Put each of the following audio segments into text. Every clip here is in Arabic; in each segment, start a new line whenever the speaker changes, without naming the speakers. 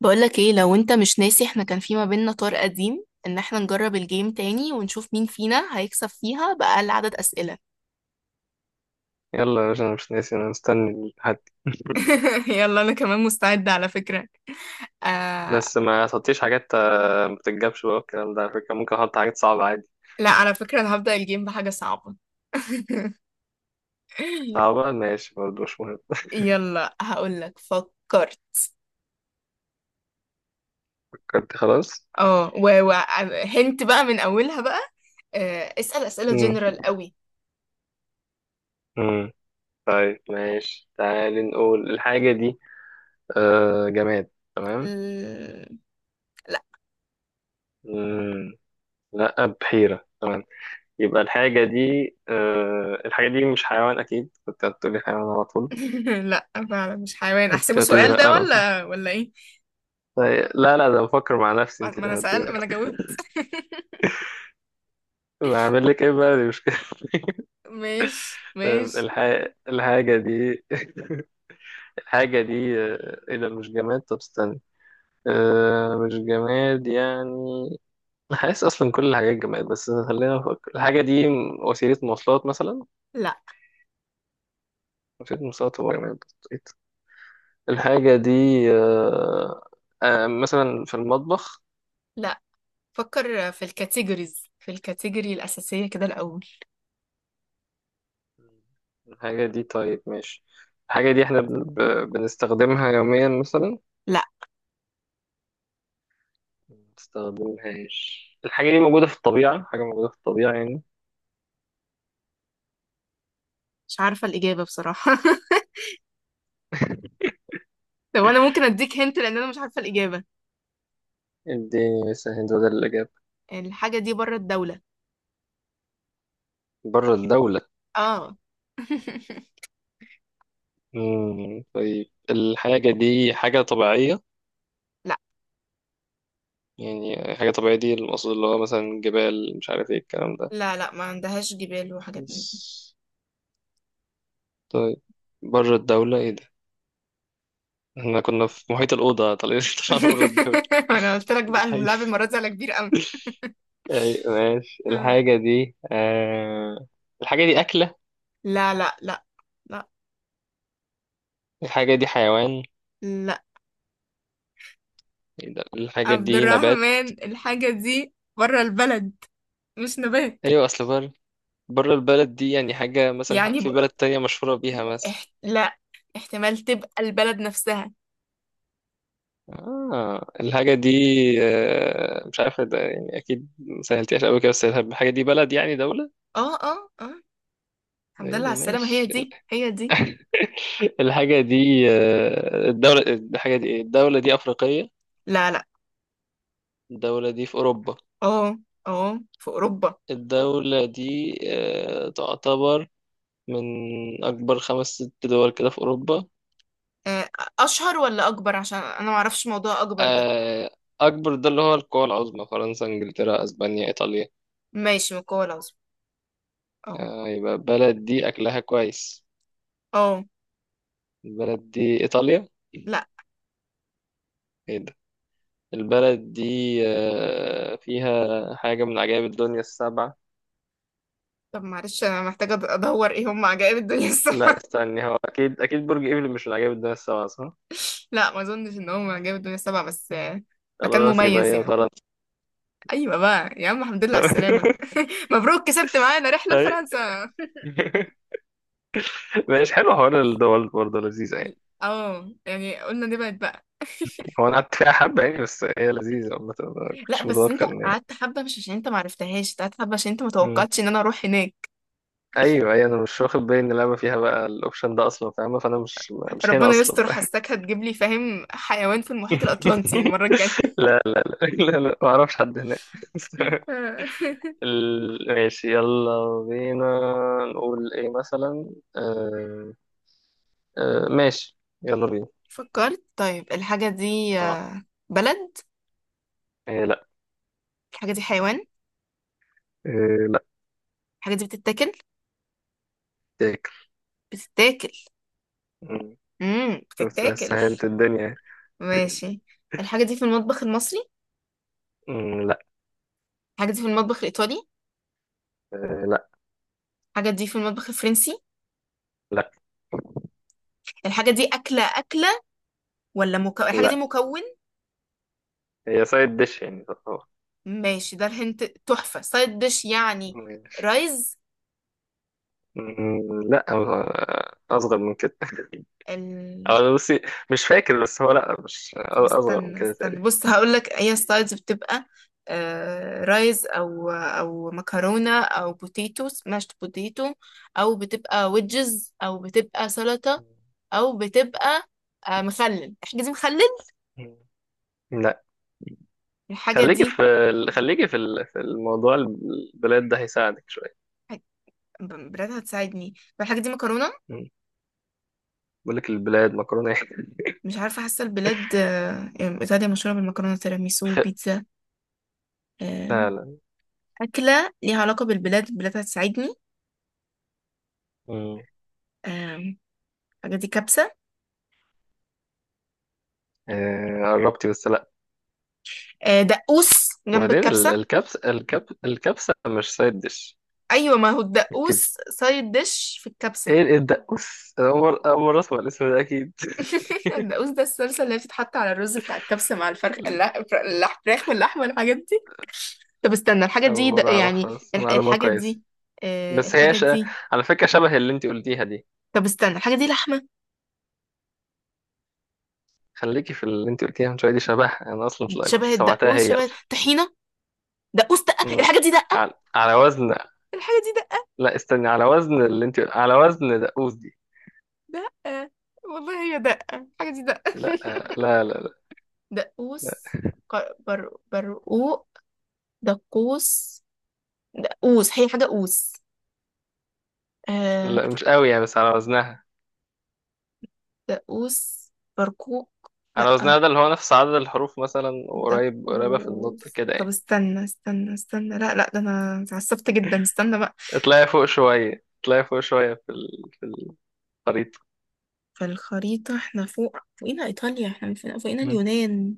بقولك ايه؟ لو انت مش ناسي، احنا كان في ما بيننا طار قديم ان احنا نجرب الجيم تاني ونشوف مين فينا هيكسب فيها بأقل عدد أسئلة.
يلا يا باشا، انا مش ناسي، انا مستني الحد.
يلا، انا كمان مستعدة على فكرة. آه...
بس ما تحطيش حاجات ما بتتجابش بقى الكلام ده، على فكرة ممكن احط حاجات صعبة عادي.
لا، على فكرة انا هبدأ الجيم بحاجة صعبة.
صعبة، ماشي برضه، مش مهم.
يلا، هقولك فكرت.
فكرت؟ خلاص.
اه، هنت بقى من اولها بقى. اسأل اسئلة
مم.
جنرال قوي.
مم. طيب ماشي، تعالي نقول الحاجة دي. جماد؟ تمام.
ال- لا.
مم. لا، بحيرة. تمام. يبقى الحاجة دي مش حيوان؟ أكيد كنت هتقولي حيوان على طول.
لا، فعلا مش حيوان.
كنت
احسبه
هتقولي
سؤال
لا
ده
على طول.
ولا ايه؟
طيب لا لا، ده بفكر مع نفسي، انت
ما انا
اللي
سأل
هتقولي.
ما انا جاوبت.
بعمل لك ايه بقى، دي مشكلة.
ماشي، ماشي.
الح... الحاجة دي. الحاجة دي ايه ده؟ مش جماد؟ طب استنى. مش جماد يعني. أنا حاسس اصلا كل الحاجات جماد، بس خلينا نفكر. الحاجة دي وسيلة مواصلات مثلا؟
لا،
وسيلة مواصلات هو جماد. الحاجة دي آه، مثلا في المطبخ؟
لا. فكر في الكاتيجوريز، في الكاتيجوري الأساسية كده الأول.
الحاجة دي، طيب ماشي. الحاجة دي احنا بنستخدمها يوميا مثلا؟
لا،
ما بنستخدمهاش. الحاجة دي موجودة في الطبيعة؟ حاجة موجودة في الطبيعة يعني.
مش عارفة الإجابة بصراحة. طب أنا ممكن أديك هنت، لأن أنا مش عارفة الإجابة.
اديني مثلا هند بدل الإجابة.
الحاجة دي بره الدولة.
بره الدولة؟
اه.
مم. طيب الحاجة دي حاجة طبيعية؟
لا،
يعني حاجة طبيعية، دي المقصود اللي هو مثلا جبال مش عارف ايه الكلام ده.
لا، لا، ما عندهاش جبال وحاجات من دي.
بس طيب بره الدولة، ايه ده؟ احنا كنا في محيط الأوضة، طالعين طلعنا بره الدولة.
أنا قلت لك بقى
الحاجة
اللعب المرة دي على كبير أوي.
أيوة ماشي.
لا،
الحاجة دي الحاجة دي أكلة؟
لا، لا، لا،
الحاجة دي حيوان؟
لا.
إيه ده؟ الحاجة
عبد
دي نبات؟
الرحمن، الحاجة دي بره البلد. مش نبات.
أيوة، أصل بره. بره البلد دي يعني حاجة مثلا
يعني
في بلد تانية مشهورة بيها مثلا؟
لا، احتمال تبقى البلد نفسها.
الحاجة دي مش عارف ده يعني، أكيد ما سهلتهاش أوي كده. بس الحاجة دي بلد يعني دولة؟
اه، اه، اه. الحمد
إيه
لله
ده؟
على السلامة، هي
ماشي.
دي هي دي.
الحاجة دي الدولة. الحاجة دي إيه؟ الدولة دي أفريقية؟
لا، لا.
الدولة دي في أوروبا؟
اه، اه، في أوروبا.
الدولة دي تعتبر من أكبر خمس ست دول كده في أوروبا؟
آه، أشهر ولا أكبر؟ عشان أنا معرفش موضوع أكبر ده.
آه أكبر ده اللي هو القوى العظمى، فرنسا، إنجلترا، أسبانيا، إيطاليا.
ماشي، من القوة العظمى. اه،
يبقى البلد دي أكلها كويس.
اه.
البلد دي إيطاليا؟
لا.
إيه ده؟ البلد دي فيها حاجة من عجائب الدنيا السبعة؟
طب معلش، أنا محتاجة أدور إيه هم عجائب الدنيا
لا
السبعة.
استني، هو أكيد أكيد برج إيفل مش من عجائب الدنيا السبعة صح؟
لا، ما أظنش إن هم عجائب الدنيا السبعة، بس مكان
خلاص يبقى
مميز
هي
يعني.
فرنسا.
أيوة بقى يا عم، الحمد لله على السلامة. مبروك، كسبت معانا رحلة
أي.
لفرنسا.
مش حلو حوار الدول، برضه لذيذة يعني.
اه، يعني قلنا نبعد بقى.
هو أنا قعدت فيها حبة يعني، بس هي لذيذة عامة، ما
لا،
كنتش
بس انت
متوقع إن هي.
قعدت حبه مش عشان انت معرفتهاش، انت قعدت حبه عشان انت
مم.
متوقعتش ان انا اروح هناك.
أيوه أيوه، أنا مش واخد بالي إن اللعبة فيها بقى الأوبشن ده أصلا فاهمة، فأنا مش هنا
ربنا
أصلا.
يستر، حساك هتجيب لي فاهم حيوان في المحيط الاطلنطي المره الجايه.
لا لا لا لا لا، ما أعرفش حد هناك. ماشي يلا بينا. نقول ايه مثلا؟ ماشي يلا بينا.
فكرت. طيب الحاجه دي
اه.
بلد.
إيه، لا.
الحاجه دي حيوان؟
إيه، لا.
الحاجه دي بتتاكل؟
تاكل.
بتتاكل.
مم. طب
بتتاكل.
سهلت الدنيا.
ماشي. الحاجه دي في المطبخ المصري؟
مم، لا.
الحاجه دي في المطبخ الايطالي؟
إيه. لا.
الحاجه دي في المطبخ الفرنسي؟
لا.
الحاجه دي اكله اكله ولا مكون؟ الحاجه دي
لا
مكون؟
هي سايد ديش يعني تعتبر.
ماشي، ده الهنت تحفة. سايد ديش يعني؟
ماشي.
رايز؟
مم، لا، اصغر من كده.
ال...
أو بصي، مش فاكر، بس هو لا مش
طب
اصغر من
استنى،
كده
استنى،
تقريبا.
بص هقولك، هي السايدز بتبقى آه رايز او مكرونة، او بوتيتو سماشت بوتيتو، او بتبقى ويدجز، او بتبقى سلطة، او بتبقى آه مخلل. الحاجة دي مخلل؟
مم. لا.
الحاجة دي
في الموضوع البلاد ده هيساعدك شوية.
حاج- بلاد هتساعدني؟ طب الحاجة دي مكرونة؟
بقول لك البلاد مكرونه.
مش عارفة، حاسة البلاد يعني إيطاليا مشهورة بالمكرونة، تيراميسو، بيتزا. آه،
لا لا.
أكلة ليها علاقة بالبلاد. البلاد هتساعدني.
مم.
آم، الحاجة دي كبسة؟
قربتي بس لا.
دقوس جنب
وبعدين
الكبسة.
الكبسه مش سايد ديش.
أيوة، ما هو الدقوس
ركزي.
سايد ديش في الكبسة.
ايه الدقوس، أنا اول اول مره اسمع الاسم ده اكيد.
الدقوس ده الصلصة اللي بتتحط على الرز بتاع الكبسة، مع الفرخ الفراخ واللحمة والحاجات دي. طب استنى، الحاجة
اول
دي
مره
يعني
اعرفها، بس معلومه
الحاجة
كويسه.
دي
بس هي
الحاجة دي.
على فكره شبه اللي انت قلتيها دي.
طب استنى، الحاجة دي لحمة؟
خليكي في اللي انت قلتيها من شويه دي، شبهها انا اصلا مش
شبه
كنت سمعتها
الدقوس،
هي
شبه
اصلا.
طحينة. دقوس، دقة.
مم.
الحاجة دي دقة؟
على وزن.
الحاجة دي دقة؟
لا استني، على وزن اللي انت، على وزن دقوس دي.
دقة. والله هي دقة، الحاجة دي دقة.
لا، لا لا لا،
دقوس، برقوق. دقوس. دقوس هي حاجة قوس. آه.
لا مش قوي يعني، بس على وزنها.
دقوس. برقوق. لأ.
انا وزنها ده اللي هو نفس عدد الحروف مثلا، قريب قريبة في النطق
دقوس.
كده
طب
يعني.
استنى، استنى، استنى، لا، لا، ده انا اتعصبت جدا، استنى بقى.
اطلعي فوق شوية، اطلعي فوق شوية، في الخريطة.
فالخريطة احنا فوق، فوقينا ايطاليا، احنا فوقينا
مم.
اليونان.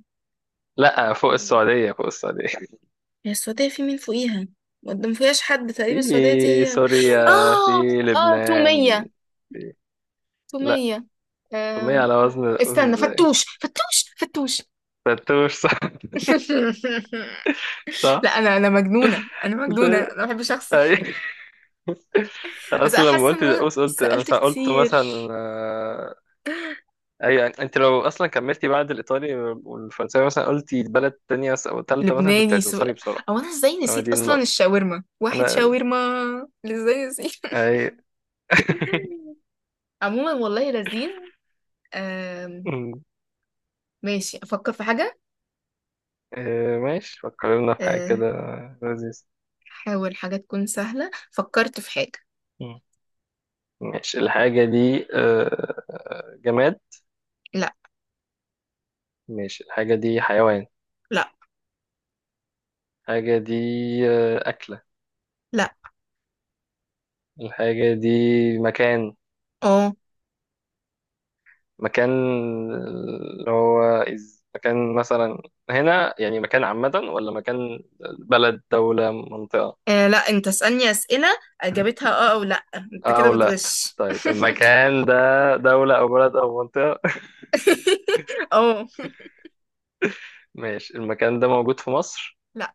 لا، فوق السعودية، فوق السعودية.
هي السعودية في مين فوقيها؟ ما ما فيهاش حد تقريبا، السعودية دي
في
هي.
سوريا،
اه.
في
اه،
لبنان.
تومية.
في... لا.
تومية.
تومية
أم،
على وزن
استنى،
ازاي؟
فتوش، فتوش، فتوش!
تتوش، صح.
لا،
صح.
انا مجنونه، انا
قلت
مجنونه،
إيه؟
انا ما بحبش اخسر.
أي. أنا
بس انا
اصلا لما
حاسه ان
قلت
انا
دقوس،
سالت
قلت
كتير.
مثلا آه، اي، يعني انت لو اصلا كملتي بعد الايطالي والفرنساوي مثلا، قلتي بلد تانية او تالتة مثلا، كنت
لبناني، سوري.
هتوصلي بسرعة.
او انا ازاي
هو
نسيت
دي
اصلا
النقطة.
الشاورما؟ واحد
أنا
شاورما! ازاي نسيت؟
أي...
عموما، والله لذيذ. آم،
أمم.
ماشي، افكر في حاجه.
ماشي فكر لنا في حاجة
آه،
كده لذيذة.
حاول حاجه تكون سهله. فكرت في حاجه.
مم. ماشي الحاجة دي جماد؟
لا،
ماشي الحاجة دي حيوان؟
لا،
الحاجة دي أكلة؟
لا.
الحاجة دي مكان؟
اه.
مكان؟ اللي هو مكان مثلا هنا يعني مكان عامة ولا مكان بلد دولة منطقة؟
لا، انت اسالني اسئله اجابتها اه او لا. انت كده
أو لا.
بتغش.
طيب المكان ده دولة أو بلد أو منطقة؟
اه.
ماشي. المكان ده موجود في مصر؟
لا.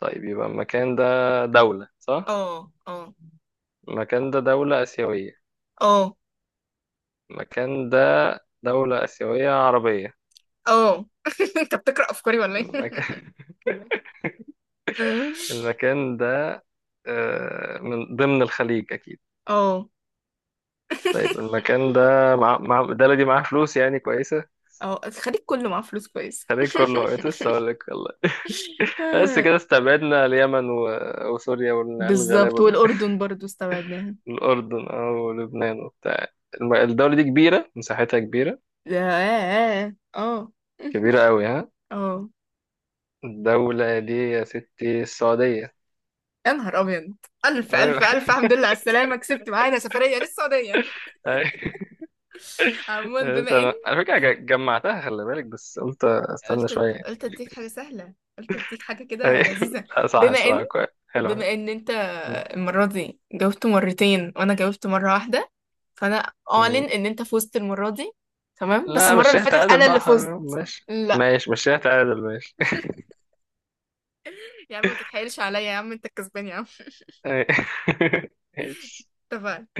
طيب يبقى المكان ده دولة، صح؟
اه، اه،
المكان ده دولة آسيوية؟
اه،
المكان ده دولة آسيوية عربية؟
اه. انت بتقرأ افكاري ولا ايه؟
المكان المكان ده من ضمن الخليج أكيد.
اه،
طيب المكان ده الدولة دي معاها فلوس يعني كويسة.
اه. الخليج كله معاه فلوس كويس.
الخليج كله؟ بقيت لسه أقول لك والله. بس كده استبعدنا اليمن وسوريا والعيال
بالظبط،
الغلابة دول.
والاردن برضو استبعدناها.
الأردن أو لبنان وبتاع. الدولة دي كبيرة، مساحتها كبيرة.
اه، اه.
كبيرة أوي؟ ها.
اه.
الدولة دي يا ستي السعودية.
يا نهار ابيض! الف،
ايوه.
الف، الف الحمد لله على السلامه، كسبت معانا سفريه للسعوديه.
أيوة.
عموما بما ان
تمام. على فكرة جمعتها، خلي بالك، بس قلت استنى
قلت
شوية.
قلت اديك حاجه سهله، قلت اديك حاجه كده
أيوة.
لذيذه.
لا، صح.
بما ان
الصراحة كويس حلو.
بما ان انت
م-
المرة دي جاوبت مرتين وانا جاوبت مرة واحدة، فانا اعلن
م.
ان انت فزت المرة دي. تمام، بس
لا،
المرة اللي
مشيها
فاتت
تعادل
انا اللي
بقى،
فزت.
ماشي
لا.
ماشي مشيها تعادل. ماشي.
يا عم ما تتحايلش عليا، يا عم انت الكسبان يا عم.
أيوة. ماشي
اتفقنا.